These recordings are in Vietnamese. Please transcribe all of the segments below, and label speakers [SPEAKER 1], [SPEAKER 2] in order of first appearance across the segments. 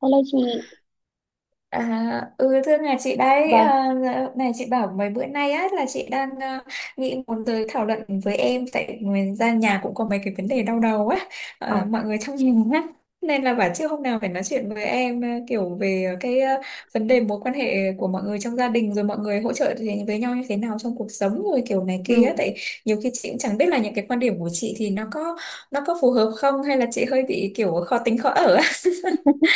[SPEAKER 1] Hello chị,
[SPEAKER 2] À, ừ thưa nhà chị đấy
[SPEAKER 1] vâng.
[SPEAKER 2] à? Dạ, này chị bảo mấy bữa nay á là chị đang nghĩ muốn tới thảo luận với em, tại người ra nhà cũng có mấy cái vấn đề đau đầu á,
[SPEAKER 1] Ờ.
[SPEAKER 2] mọi người trong nhà á, nên là bảo trước hôm nào phải nói chuyện với em, kiểu về cái, vấn đề mối quan hệ của mọi người trong gia đình, rồi mọi người hỗ trợ thì với nhau như thế nào trong cuộc sống rồi kiểu này kia á,
[SPEAKER 1] Ừ.
[SPEAKER 2] tại nhiều khi chị cũng chẳng biết là những cái quan điểm của chị thì nó có phù hợp không, hay là chị hơi bị kiểu khó tính khó ở á.
[SPEAKER 1] Ừ.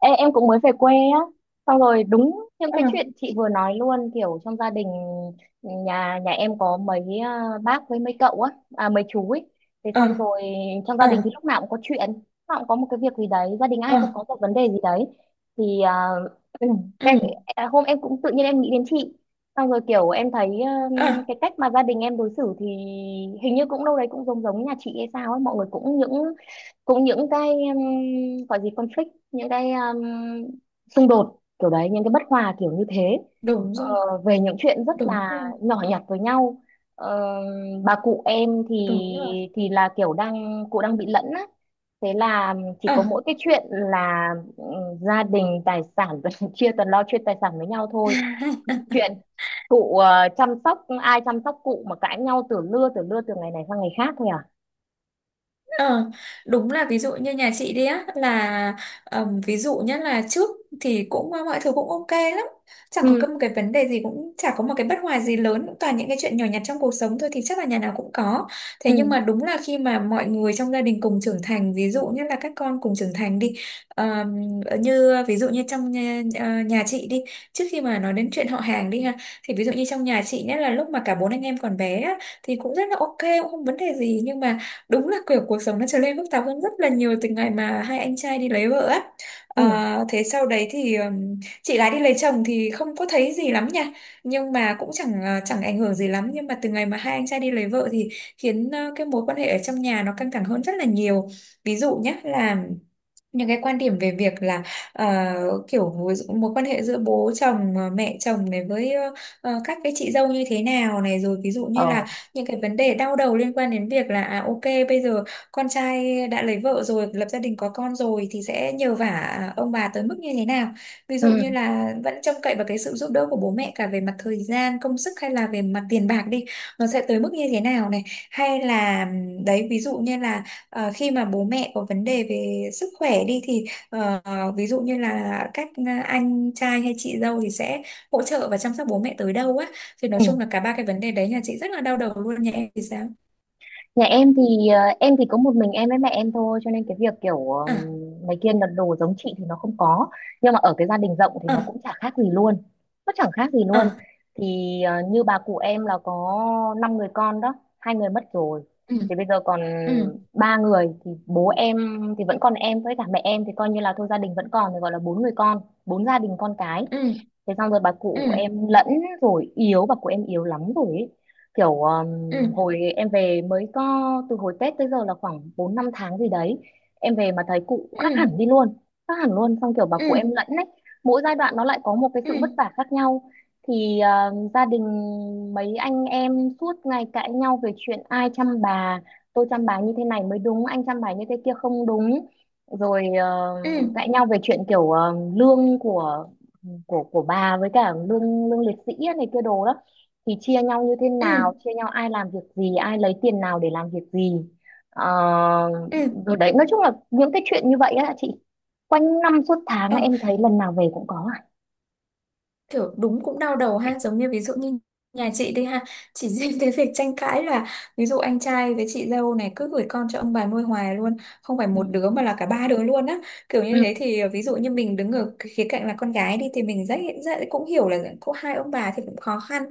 [SPEAKER 1] Ê, em cũng mới về quê á, xong rồi đúng những
[SPEAKER 2] Ờ,
[SPEAKER 1] cái chuyện chị vừa nói luôn, kiểu trong gia đình nhà nhà em có mấy bác với mấy cậu á, à, mấy chú ấy. Thế
[SPEAKER 2] ờ,
[SPEAKER 1] xong rồi trong gia
[SPEAKER 2] ờ,
[SPEAKER 1] đình thì lúc nào cũng có chuyện, lúc nào cũng có một cái việc gì đấy, gia đình ai cũng
[SPEAKER 2] ờ,
[SPEAKER 1] có một vấn đề gì đấy, thì ừ,
[SPEAKER 2] ừ,
[SPEAKER 1] cái, à, hôm em cũng tự nhiên em nghĩ đến chị, xong rồi kiểu em thấy ừ,
[SPEAKER 2] ờ.
[SPEAKER 1] cái cách mà gia đình em đối xử thì hình như cũng đâu đấy cũng giống giống nhà chị hay sao ấy, mọi người cũng những cái gọi gì conflict, những cái xung đột kiểu đấy, những cái bất hòa kiểu như thế.
[SPEAKER 2] Đúng
[SPEAKER 1] Ờ,
[SPEAKER 2] rồi,
[SPEAKER 1] về những chuyện rất
[SPEAKER 2] đúng
[SPEAKER 1] là
[SPEAKER 2] rồi,
[SPEAKER 1] nhỏ nhặt với nhau. Ờ, bà cụ em thì
[SPEAKER 2] đúng rồi.
[SPEAKER 1] thì là kiểu cụ đang bị lẫn á, thế là chỉ
[SPEAKER 2] Ờ.
[SPEAKER 1] có mỗi cái chuyện là ừ, gia đình tài sản chia toàn lo chuyện tài sản với nhau thôi. Chuyện cụ, chăm sóc ai chăm sóc cụ mà cãi nhau từ lưa từ ngày này sang ngày khác thôi à.
[SPEAKER 2] Ờ, đúng là ví dụ như nhà chị đi á, là ví dụ nhất là trước thì cũng mọi thứ cũng ok lắm, chẳng có
[SPEAKER 1] Ừ,
[SPEAKER 2] một cái vấn đề gì, cũng chả có một cái bất hòa gì lớn, cũng toàn những cái chuyện nhỏ nhặt trong cuộc sống thôi thì chắc là nhà nào cũng có. Thế nhưng mà
[SPEAKER 1] ừ,
[SPEAKER 2] đúng là khi mà mọi người trong gia đình cùng trưởng thành, ví dụ như là các con cùng trưởng thành đi, ờm, như ví dụ như trong nhà chị đi, trước khi mà nói đến chuyện họ hàng đi ha, thì ví dụ như trong nhà chị, nhất là lúc mà cả bốn anh em còn bé á, thì cũng rất là ok, cũng không vấn đề gì. Nhưng mà đúng là kiểu cuộc sống nó trở nên phức tạp hơn rất là nhiều từ ngày mà hai anh trai đi lấy vợ á.
[SPEAKER 1] ừ.
[SPEAKER 2] Ờ, thế sau đấy thì chị gái đi lấy chồng thì không có thấy gì lắm nha, nhưng mà cũng chẳng ảnh hưởng gì lắm. Nhưng mà từ ngày mà hai anh trai đi lấy vợ thì khiến cái mối quan hệ ở trong nhà nó căng thẳng hơn rất là nhiều. Ví dụ nhé, là những cái quan điểm về việc là, kiểu ví dụ mối quan hệ giữa bố chồng, mẹ chồng này với các cái chị dâu như thế nào này, rồi ví dụ như
[SPEAKER 1] Ờ.
[SPEAKER 2] là những cái vấn đề đau đầu liên quan đến việc là, ok, bây giờ con trai đã lấy vợ rồi, lập gia đình có con rồi, thì sẽ nhờ vả, ông bà tới mức như thế nào. Ví dụ như
[SPEAKER 1] Ừ.
[SPEAKER 2] là vẫn trông cậy vào cái sự giúp đỡ của bố mẹ cả về mặt thời gian công sức, hay là về mặt tiền bạc đi, nó sẽ tới mức như thế nào này. Hay là, đấy, ví dụ như là, ờ, khi mà bố mẹ có vấn đề về sức khỏe đi, thì ờ, ví dụ như là các anh trai hay chị dâu thì sẽ hỗ trợ và chăm sóc bố mẹ tới đâu á. Thì nói
[SPEAKER 1] Ừ.
[SPEAKER 2] chung là cả ba cái vấn đề đấy nhà chị rất là đau đầu luôn. Nhà em thì sao?
[SPEAKER 1] Nhà em thì em thì có một mình em với mẹ em thôi, cho nên cái việc kiểu
[SPEAKER 2] À,
[SPEAKER 1] mấy kia đặt đồ giống chị thì nó không có, nhưng mà ở cái gia đình rộng thì nó
[SPEAKER 2] à,
[SPEAKER 1] cũng chả khác gì luôn, nó chẳng khác gì luôn.
[SPEAKER 2] à.
[SPEAKER 1] Thì như bà cụ em là có 5 người con đó, 2 người mất rồi
[SPEAKER 2] ừ,
[SPEAKER 1] thì bây giờ còn
[SPEAKER 2] ừ,
[SPEAKER 1] 3 người, thì bố em thì vẫn còn em với cả mẹ em thì coi như là thôi gia đình vẫn còn, thì gọi là 4 người con, 4 gia đình con cái.
[SPEAKER 2] ừ,
[SPEAKER 1] Thế xong rồi bà
[SPEAKER 2] ừ,
[SPEAKER 1] cụ em lẫn rồi yếu, bà cụ em yếu lắm rồi ấy. Kiểu
[SPEAKER 2] ừ,
[SPEAKER 1] hồi em về mới có, từ hồi Tết tới giờ là khoảng 4 5 tháng gì đấy, em về mà thấy cụ khác
[SPEAKER 2] ừ,
[SPEAKER 1] hẳn đi luôn, khác hẳn luôn. Xong kiểu bà cụ em
[SPEAKER 2] ừ,
[SPEAKER 1] lẫn ấy, mỗi giai đoạn nó lại có một cái
[SPEAKER 2] ừ,
[SPEAKER 1] sự vất
[SPEAKER 2] ừ,
[SPEAKER 1] vả khác nhau. Thì gia đình mấy anh em suốt ngày cãi nhau về chuyện ai chăm bà, tôi chăm bà như thế này mới đúng, anh chăm bà như thế kia không đúng, rồi
[SPEAKER 2] ừ,
[SPEAKER 1] cãi nhau về chuyện kiểu lương của bà với cả lương lương liệt sĩ á, này kia đồ đó, thì chia nhau như thế
[SPEAKER 2] ừ,
[SPEAKER 1] nào, chia nhau ai làm việc gì, ai lấy tiền nào để làm việc gì. Ờ,
[SPEAKER 2] ừ.
[SPEAKER 1] rồi đấy, nói chung là những cái chuyện như vậy á chị, quanh năm suốt tháng
[SPEAKER 2] Ừ,
[SPEAKER 1] á, em thấy lần nào về cũng có à.
[SPEAKER 2] kiểu đúng cũng đau đầu ha. Giống như ví dụ như nhà chị đi ha, chỉ riêng cái việc tranh cãi là ví dụ anh trai với chị dâu này cứ gửi con cho ông bà nuôi hoài luôn, không phải
[SPEAKER 1] Ừ,
[SPEAKER 2] một đứa mà là cả ba đứa luôn á. Kiểu như
[SPEAKER 1] ừ,
[SPEAKER 2] thế thì ví dụ như mình đứng ở cái khía cạnh là con gái đi, thì mình rất, rất cũng hiểu là có hai ông bà thì cũng khó khăn,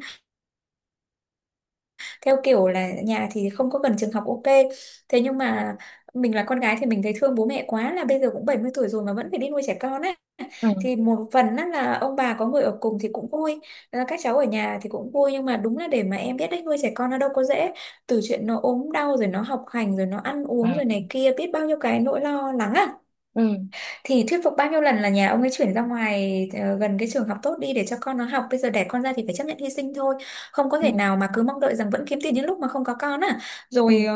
[SPEAKER 2] theo kiểu là nhà thì không có cần trường học ok. Thế nhưng mà mình là con gái thì mình thấy thương bố mẹ quá, là bây giờ cũng 70 tuổi rồi mà vẫn phải đi nuôi trẻ con á. Thì một phần á là ông bà có người ở cùng thì cũng vui. Ờ, các cháu ở nhà thì cũng vui, nhưng mà đúng là để mà em biết đấy, nuôi trẻ con nó đâu có dễ. Từ chuyện nó ốm đau rồi nó học hành rồi nó ăn uống rồi này
[SPEAKER 1] ừ,
[SPEAKER 2] kia, biết bao nhiêu cái nỗi lo lắng á.
[SPEAKER 1] ừ,
[SPEAKER 2] Thì thuyết phục bao nhiêu lần là nhà ông ấy chuyển ra ngoài, gần cái trường học tốt đi để cho con nó học. Bây giờ đẻ con ra thì phải chấp nhận hy sinh thôi, không có
[SPEAKER 1] ừ,
[SPEAKER 2] thể nào mà cứ mong đợi rằng vẫn kiếm tiền những lúc mà không có con à.
[SPEAKER 1] ừ,
[SPEAKER 2] Rồi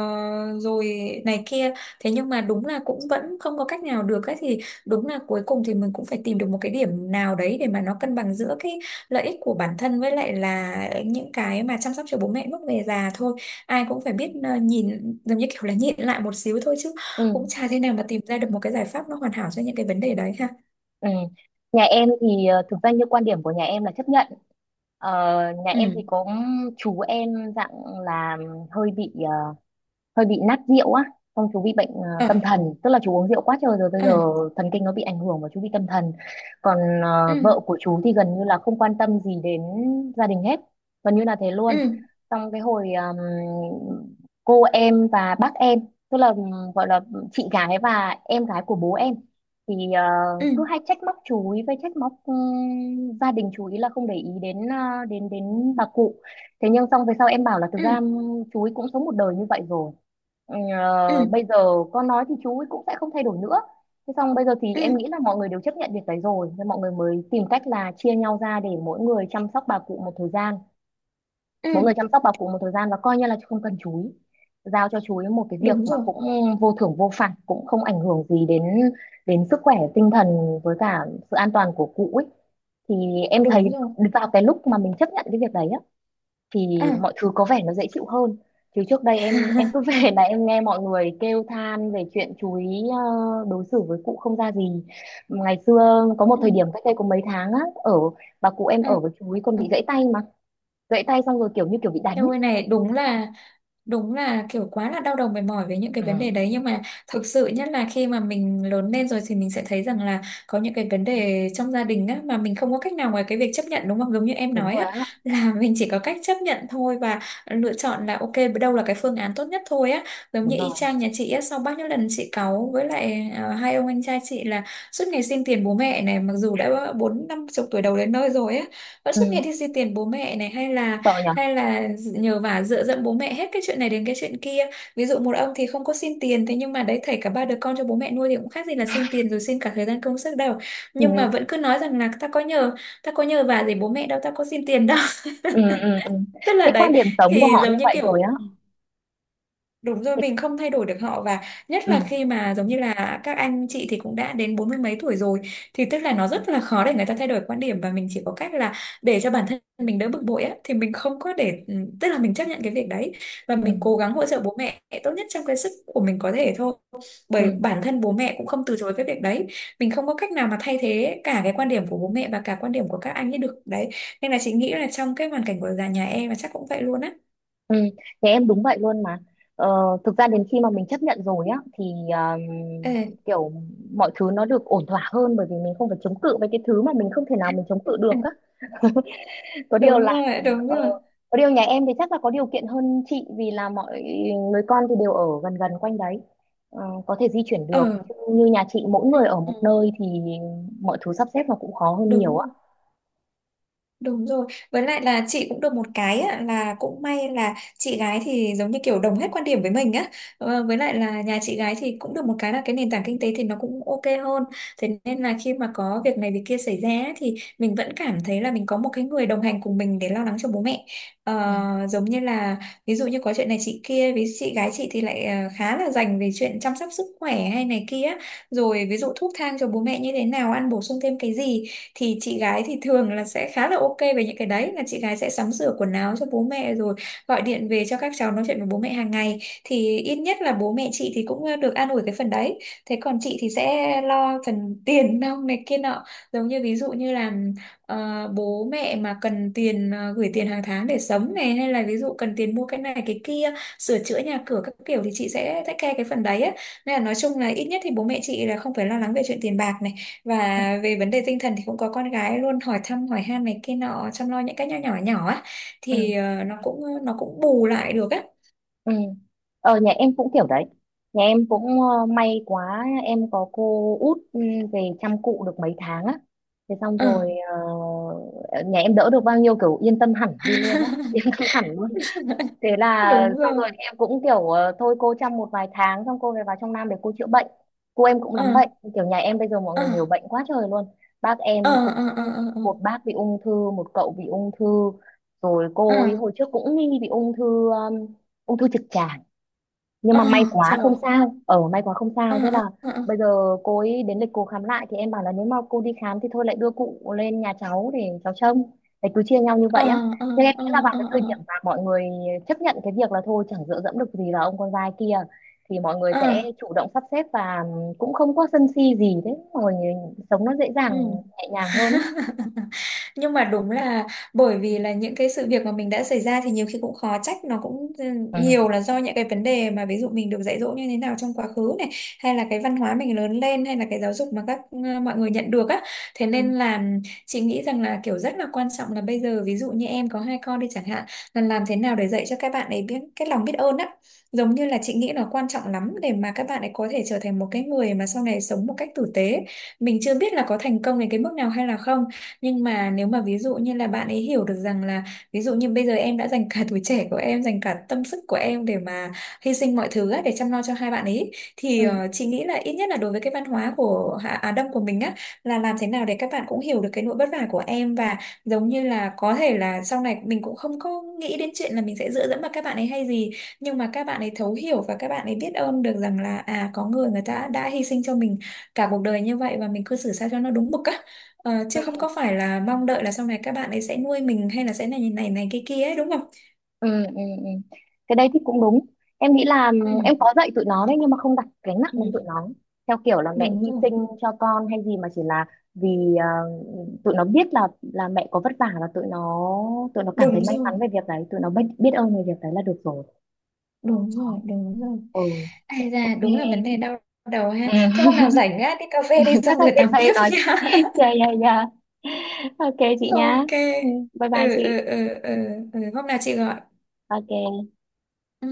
[SPEAKER 2] rồi này kia. Thế nhưng mà đúng là cũng vẫn không có cách nào được ấy, thì đúng là cuối cùng thì mình cũng phải tìm được một cái điểm nào đấy để mà nó cân bằng giữa cái lợi ích của bản thân với lại là những cái mà chăm sóc cho bố mẹ lúc về già thôi. Ai cũng phải biết nhìn giống như kiểu là nhịn lại một xíu thôi, chứ
[SPEAKER 1] ừ, ừ,
[SPEAKER 2] cũng chả thế nào mà tìm ra được một cái giải pháp nó hoàn hảo cho những cái vấn đề đấy ha.
[SPEAKER 1] ừ. Nhà em thì thực ra như quan điểm của nhà em là chấp nhận. Ờ, nhà em thì
[SPEAKER 2] Ừ,
[SPEAKER 1] có chú em dạng là hơi bị hơi bị nát rượu á, xong chú bị bệnh
[SPEAKER 2] ờ,
[SPEAKER 1] tâm thần, tức là chú uống rượu quá trời rồi bây
[SPEAKER 2] ờ,
[SPEAKER 1] giờ thần kinh nó bị ảnh hưởng và chú bị tâm thần. Còn
[SPEAKER 2] ừ,
[SPEAKER 1] vợ của chú thì gần như là không quan tâm gì đến gia đình hết, gần như là thế luôn.
[SPEAKER 2] ừ,
[SPEAKER 1] Xong cái hồi cô em và bác em, tức là gọi là chị gái và em gái của bố em, thì
[SPEAKER 2] ừ,
[SPEAKER 1] cứ hay trách móc chú ý, với trách móc gia đình chú ý là không để ý đến đến đến bà cụ. Thế nhưng xong về sau em bảo là thực
[SPEAKER 2] ừ,
[SPEAKER 1] ra chú ấy cũng sống một đời như vậy rồi. Ừ,
[SPEAKER 2] ừ,
[SPEAKER 1] ờ, bây giờ con nói thì chú ấy cũng sẽ không thay đổi nữa. Thế xong bây giờ thì
[SPEAKER 2] ừ,
[SPEAKER 1] em nghĩ là mọi người đều chấp nhận việc đấy rồi, nên mọi người mới tìm cách là chia nhau ra để mỗi người chăm sóc bà cụ một thời gian,
[SPEAKER 2] ừ.
[SPEAKER 1] mỗi người chăm sóc bà cụ một thời gian và coi như là không cần chú ý, giao cho chú ý một cái việc
[SPEAKER 2] Đúng
[SPEAKER 1] mà
[SPEAKER 2] rồi,
[SPEAKER 1] cũng vô thưởng vô phạt, cũng không ảnh hưởng gì đến đến sức khỏe tinh thần với cả sự an toàn của cụ ấy. Thì em thấy
[SPEAKER 2] đúng rồi.
[SPEAKER 1] vào cái lúc mà mình chấp nhận cái việc đấy á
[SPEAKER 2] Ờ.
[SPEAKER 1] thì mọi thứ có vẻ nó dễ chịu hơn. Chứ trước đây em cứ về là em nghe mọi người kêu than về chuyện chú ý ờ, đối xử với cụ không ra gì. Ngày xưa có một
[SPEAKER 2] Ừ,
[SPEAKER 1] thời điểm cách đây có mấy tháng á, bà cụ em
[SPEAKER 2] ừ,
[SPEAKER 1] ở với chú ý còn
[SPEAKER 2] ừ.
[SPEAKER 1] bị gãy tay mà, gãy tay xong rồi kiểu như kiểu bị đánh
[SPEAKER 2] Em
[SPEAKER 1] ấy.
[SPEAKER 2] ơi này, đúng là kiểu quá là đau đầu mệt mỏi với những cái vấn
[SPEAKER 1] Ừ,
[SPEAKER 2] đề đấy, nhưng mà thực sự nhất là khi mà mình lớn lên rồi thì mình sẽ thấy rằng là có những cái vấn đề trong gia đình á mà mình không có cách nào ngoài cái việc chấp nhận, đúng không? Giống như em
[SPEAKER 1] đúng
[SPEAKER 2] nói
[SPEAKER 1] rồi
[SPEAKER 2] á,
[SPEAKER 1] á,
[SPEAKER 2] là mình chỉ có cách chấp nhận thôi, và lựa chọn là ok, đâu là cái phương án tốt nhất thôi á. Giống như
[SPEAKER 1] đúng
[SPEAKER 2] y
[SPEAKER 1] rồi.
[SPEAKER 2] chang nhà chị á, sau bao nhiêu lần chị cáu với lại hai ông anh trai chị là suốt ngày xin tiền bố mẹ này, mặc dù đã bốn năm chục tuổi đầu đến nơi rồi á, vẫn suốt
[SPEAKER 1] Ừ,
[SPEAKER 2] ngày đi xin tiền bố mẹ này, hay là
[SPEAKER 1] sợ nhở.
[SPEAKER 2] nhờ vả dựa dẫm bố mẹ hết cái chuyện này đến cái chuyện kia. Ví dụ một ông thì không có xin tiền, thế nhưng mà đấy, thảy cả ba đứa con cho bố mẹ nuôi thì cũng khác gì là xin tiền rồi, xin cả thời gian công sức đâu. Nhưng mà
[SPEAKER 1] Ừ,
[SPEAKER 2] vẫn cứ nói rằng là ta có nhờ vả gì bố mẹ đâu, ta có xin tiền đâu.
[SPEAKER 1] ừ, ừ, ừ.
[SPEAKER 2] Tức là
[SPEAKER 1] Cái
[SPEAKER 2] đấy,
[SPEAKER 1] quan điểm sống của
[SPEAKER 2] thì
[SPEAKER 1] họ như
[SPEAKER 2] giống như
[SPEAKER 1] vậy rồi
[SPEAKER 2] kiểu,
[SPEAKER 1] á.
[SPEAKER 2] đúng rồi,
[SPEAKER 1] Cái-
[SPEAKER 2] mình không thay đổi được họ, và nhất
[SPEAKER 1] ừ,
[SPEAKER 2] là khi mà giống như là các anh chị thì cũng đã đến bốn mươi mấy tuổi rồi, thì tức là nó rất là khó để người ta thay đổi quan điểm, và mình chỉ có cách là để cho bản thân mình đỡ bực bội á, thì mình không có tức là mình chấp nhận cái việc đấy, và
[SPEAKER 1] ừ,
[SPEAKER 2] mình cố gắng hỗ trợ bố mẹ tốt nhất trong cái sức của mình có thể thôi. Bởi
[SPEAKER 1] ừ.
[SPEAKER 2] bản thân bố mẹ cũng không từ chối cái việc đấy. Mình không có cách nào mà thay thế cả cái quan điểm của bố mẹ và cả quan điểm của các anh ấy được đấy. Nên là chị nghĩ là trong cái hoàn cảnh của già nhà em là chắc cũng vậy luôn á.
[SPEAKER 1] Ừ, nhà em đúng vậy luôn mà. Ờ, thực ra đến khi mà mình chấp nhận rồi á thì kiểu mọi thứ nó được ổn thỏa hơn, bởi vì mình không phải chống cự với cái thứ mà mình không thể nào mình chống cự
[SPEAKER 2] Ê.
[SPEAKER 1] được á. Có điều
[SPEAKER 2] Đúng
[SPEAKER 1] là
[SPEAKER 2] rồi, đúng
[SPEAKER 1] ờ,
[SPEAKER 2] rồi.
[SPEAKER 1] có điều nhà em thì chắc là có điều kiện hơn chị, vì là mọi người con thì đều ở gần gần quanh đấy. Ờ, có thể di chuyển
[SPEAKER 2] Ờ.
[SPEAKER 1] được. Chứ như nhà chị mỗi
[SPEAKER 2] Ừ,
[SPEAKER 1] người ở
[SPEAKER 2] ừ.
[SPEAKER 1] một nơi thì mọi thứ sắp xếp nó cũng khó hơn
[SPEAKER 2] Đúng
[SPEAKER 1] nhiều á.
[SPEAKER 2] rồi. Đúng rồi. Với lại là chị cũng được một cái á, là cũng may là chị gái thì giống như kiểu đồng hết quan điểm với mình á. Ờ, với lại là nhà chị gái thì cũng được một cái là cái nền tảng kinh tế thì nó cũng ok hơn. Thế nên là khi mà có việc này việc kia xảy ra á, thì mình vẫn cảm thấy là mình có một cái người đồng hành cùng mình để lo lắng cho bố mẹ.
[SPEAKER 1] Ừ.
[SPEAKER 2] Ờ, giống như là ví dụ như có chuyện này chị kia, với chị gái chị thì lại khá là dành về chuyện chăm sóc sức khỏe hay này kia. Rồi ví dụ thuốc thang cho bố mẹ như thế nào, ăn bổ sung thêm cái gì thì chị gái thì thường là sẽ khá là ok về những cái đấy, là chị gái sẽ sắm sửa quần áo cho bố mẹ rồi gọi điện về cho các cháu nói chuyện với bố mẹ hàng ngày. Thì ít nhất là bố mẹ chị thì cũng được an ủi cái phần đấy. Thế còn chị thì sẽ lo phần tiền nong này kia nọ, giống như ví dụ như là bố mẹ mà cần tiền, gửi tiền hàng tháng để sống này, hay là ví dụ cần tiền mua cái này cái kia sửa chữa nhà cửa các kiểu thì chị sẽ take care cái phần đấy ấy. Nên là nói chung là ít nhất thì bố mẹ chị là không phải lo lắng về chuyện tiền bạc này, và về vấn đề tinh thần thì cũng có con gái luôn hỏi thăm hỏi han này kia nọ, chăm lo những cái nhỏ nhỏ nhỏ á,
[SPEAKER 1] Ừ.
[SPEAKER 2] thì nó cũng bù lại được á.
[SPEAKER 1] Ừ. Ờ, nhà em cũng kiểu đấy. Nhà em cũng may quá em có cô út, về chăm cụ được mấy tháng á. Thế xong
[SPEAKER 2] Ờ.
[SPEAKER 1] rồi ờ, nhà em đỡ được bao nhiêu, kiểu yên tâm hẳn đi luôn á, yên tâm hẳn luôn. Thế là
[SPEAKER 2] Đúng
[SPEAKER 1] xong
[SPEAKER 2] rồi.
[SPEAKER 1] rồi em cũng kiểu thôi cô chăm một vài tháng xong cô về vào trong Nam để cô chữa bệnh. Cô em cũng
[SPEAKER 2] Ờ,
[SPEAKER 1] lắm bệnh, kiểu nhà em bây giờ mọi
[SPEAKER 2] ờ,
[SPEAKER 1] người nhiều bệnh quá trời luôn. Bác em
[SPEAKER 2] ờ,
[SPEAKER 1] cũng
[SPEAKER 2] ờ, ờ, ờ,
[SPEAKER 1] một bác bị ung thư, một cậu bị ung thư, rồi
[SPEAKER 2] ờ,
[SPEAKER 1] cô ấy
[SPEAKER 2] ờ,
[SPEAKER 1] hồi trước cũng nghi bị ung thư trực tràng, nhưng
[SPEAKER 2] ờ,
[SPEAKER 1] mà may quá
[SPEAKER 2] trời,
[SPEAKER 1] không sao, ở may quá không
[SPEAKER 2] ờ,
[SPEAKER 1] sao. Thế
[SPEAKER 2] ờ,
[SPEAKER 1] là
[SPEAKER 2] ờ,
[SPEAKER 1] bây giờ cô ấy đến lịch cô khám lại thì em bảo là nếu mà cô đi khám thì thôi lại đưa cụ lên nhà cháu để cháu trông, để cứ chia nhau như
[SPEAKER 2] ờ,
[SPEAKER 1] vậy á.
[SPEAKER 2] ờ, ờ,
[SPEAKER 1] Nhưng em nghĩ
[SPEAKER 2] ờ,
[SPEAKER 1] là vào
[SPEAKER 2] ờ,
[SPEAKER 1] cái
[SPEAKER 2] ờ,
[SPEAKER 1] thời
[SPEAKER 2] ờ,
[SPEAKER 1] điểm mà mọi người chấp nhận cái việc là thôi chẳng dựa dẫm được gì vào ông con trai kia thì mọi người
[SPEAKER 2] ờ, ờ,
[SPEAKER 1] sẽ chủ động sắp xếp và cũng không có sân si gì, thế mọi người sống nó dễ dàng,
[SPEAKER 2] ừ.
[SPEAKER 1] nhẹ nhàng hơn á.
[SPEAKER 2] Nhưng mà đúng là bởi vì là những cái sự việc mà mình đã xảy ra thì nhiều khi cũng khó trách, nó cũng
[SPEAKER 1] Ừ.
[SPEAKER 2] nhiều là do những cái vấn đề mà ví dụ mình được dạy dỗ như thế nào trong quá khứ này, hay là cái văn hóa mình lớn lên, hay là cái giáo dục mà các mọi người nhận được á. Thế
[SPEAKER 1] Ừ.
[SPEAKER 2] nên là chị nghĩ rằng là kiểu rất là quan trọng, là bây giờ ví dụ như em có hai con đi chẳng hạn, là làm thế nào để dạy cho các bạn ấy biết cái lòng biết ơn á, giống như là chị nghĩ là quan trọng lắm để mà các bạn ấy có thể trở thành một cái người mà sau này sống một cách tử tế. Mình chưa biết là có thành công đến cái mức nào hay là không, nhưng mà nếu mà ví dụ như là bạn ấy hiểu được rằng là ví dụ như bây giờ em đã dành cả tuổi trẻ của em, dành cả tâm sức của em để mà hy sinh mọi thứ á, để chăm lo cho hai bạn ấy, thì
[SPEAKER 1] Ừ.
[SPEAKER 2] chị nghĩ là ít nhất là đối với cái văn hóa của Á Đông của mình á, là làm thế nào để các bạn cũng hiểu được cái nỗi vất vả của em, và giống như là có thể là sau này mình cũng không có nghĩ đến chuyện là mình sẽ dựa dẫm vào các bạn ấy hay gì, nhưng mà các bạn ấy thấu hiểu và các bạn ấy biết ơn được rằng là à có người người ta đã hy sinh cho mình cả cuộc đời như vậy, và mình cư xử sao cho nó đúng mực á. Ờ, chứ không có phải là mong đợi là sau này các bạn ấy sẽ nuôi mình hay là sẽ này này này kia kia ấy, đúng không?
[SPEAKER 1] Ừ, ừ, ừ, cái đấy thì cũng đúng. Em nghĩ là
[SPEAKER 2] Ừ,
[SPEAKER 1] em có dạy tụi nó đấy, nhưng mà không đặt gánh nặng
[SPEAKER 2] ừ,
[SPEAKER 1] lên tụi nó theo kiểu là mẹ
[SPEAKER 2] đúng
[SPEAKER 1] hy
[SPEAKER 2] rồi,
[SPEAKER 1] sinh cho con hay gì, mà chỉ là vì ờ, tụi nó biết là mẹ có vất vả, và tụi nó cảm thấy
[SPEAKER 2] đúng
[SPEAKER 1] may mắn
[SPEAKER 2] rồi,
[SPEAKER 1] về việc đấy, tụi nó biết biết ơn về việc đấy là được rồi.
[SPEAKER 2] đúng
[SPEAKER 1] Đó.
[SPEAKER 2] rồi, đúng rồi.
[SPEAKER 1] Ừ.
[SPEAKER 2] Ai ra
[SPEAKER 1] Ok.
[SPEAKER 2] đúng là vấn đề đau đầu ha. Thôi
[SPEAKER 1] Ừ.
[SPEAKER 2] hôm nào rảnh á đi cà phê đi xong
[SPEAKER 1] chắc là
[SPEAKER 2] rồi
[SPEAKER 1] chị
[SPEAKER 2] tám
[SPEAKER 1] phải
[SPEAKER 2] tiếp
[SPEAKER 1] nói,
[SPEAKER 2] nha.
[SPEAKER 1] yeah yeah yeah, ok chị nhá.
[SPEAKER 2] Ok.
[SPEAKER 1] Ừ. Bye
[SPEAKER 2] Ừ,
[SPEAKER 1] bye chị.
[SPEAKER 2] ừ, ừ, ừ, ừ. Hôm nào chị gọi.
[SPEAKER 1] Ok
[SPEAKER 2] Ừ.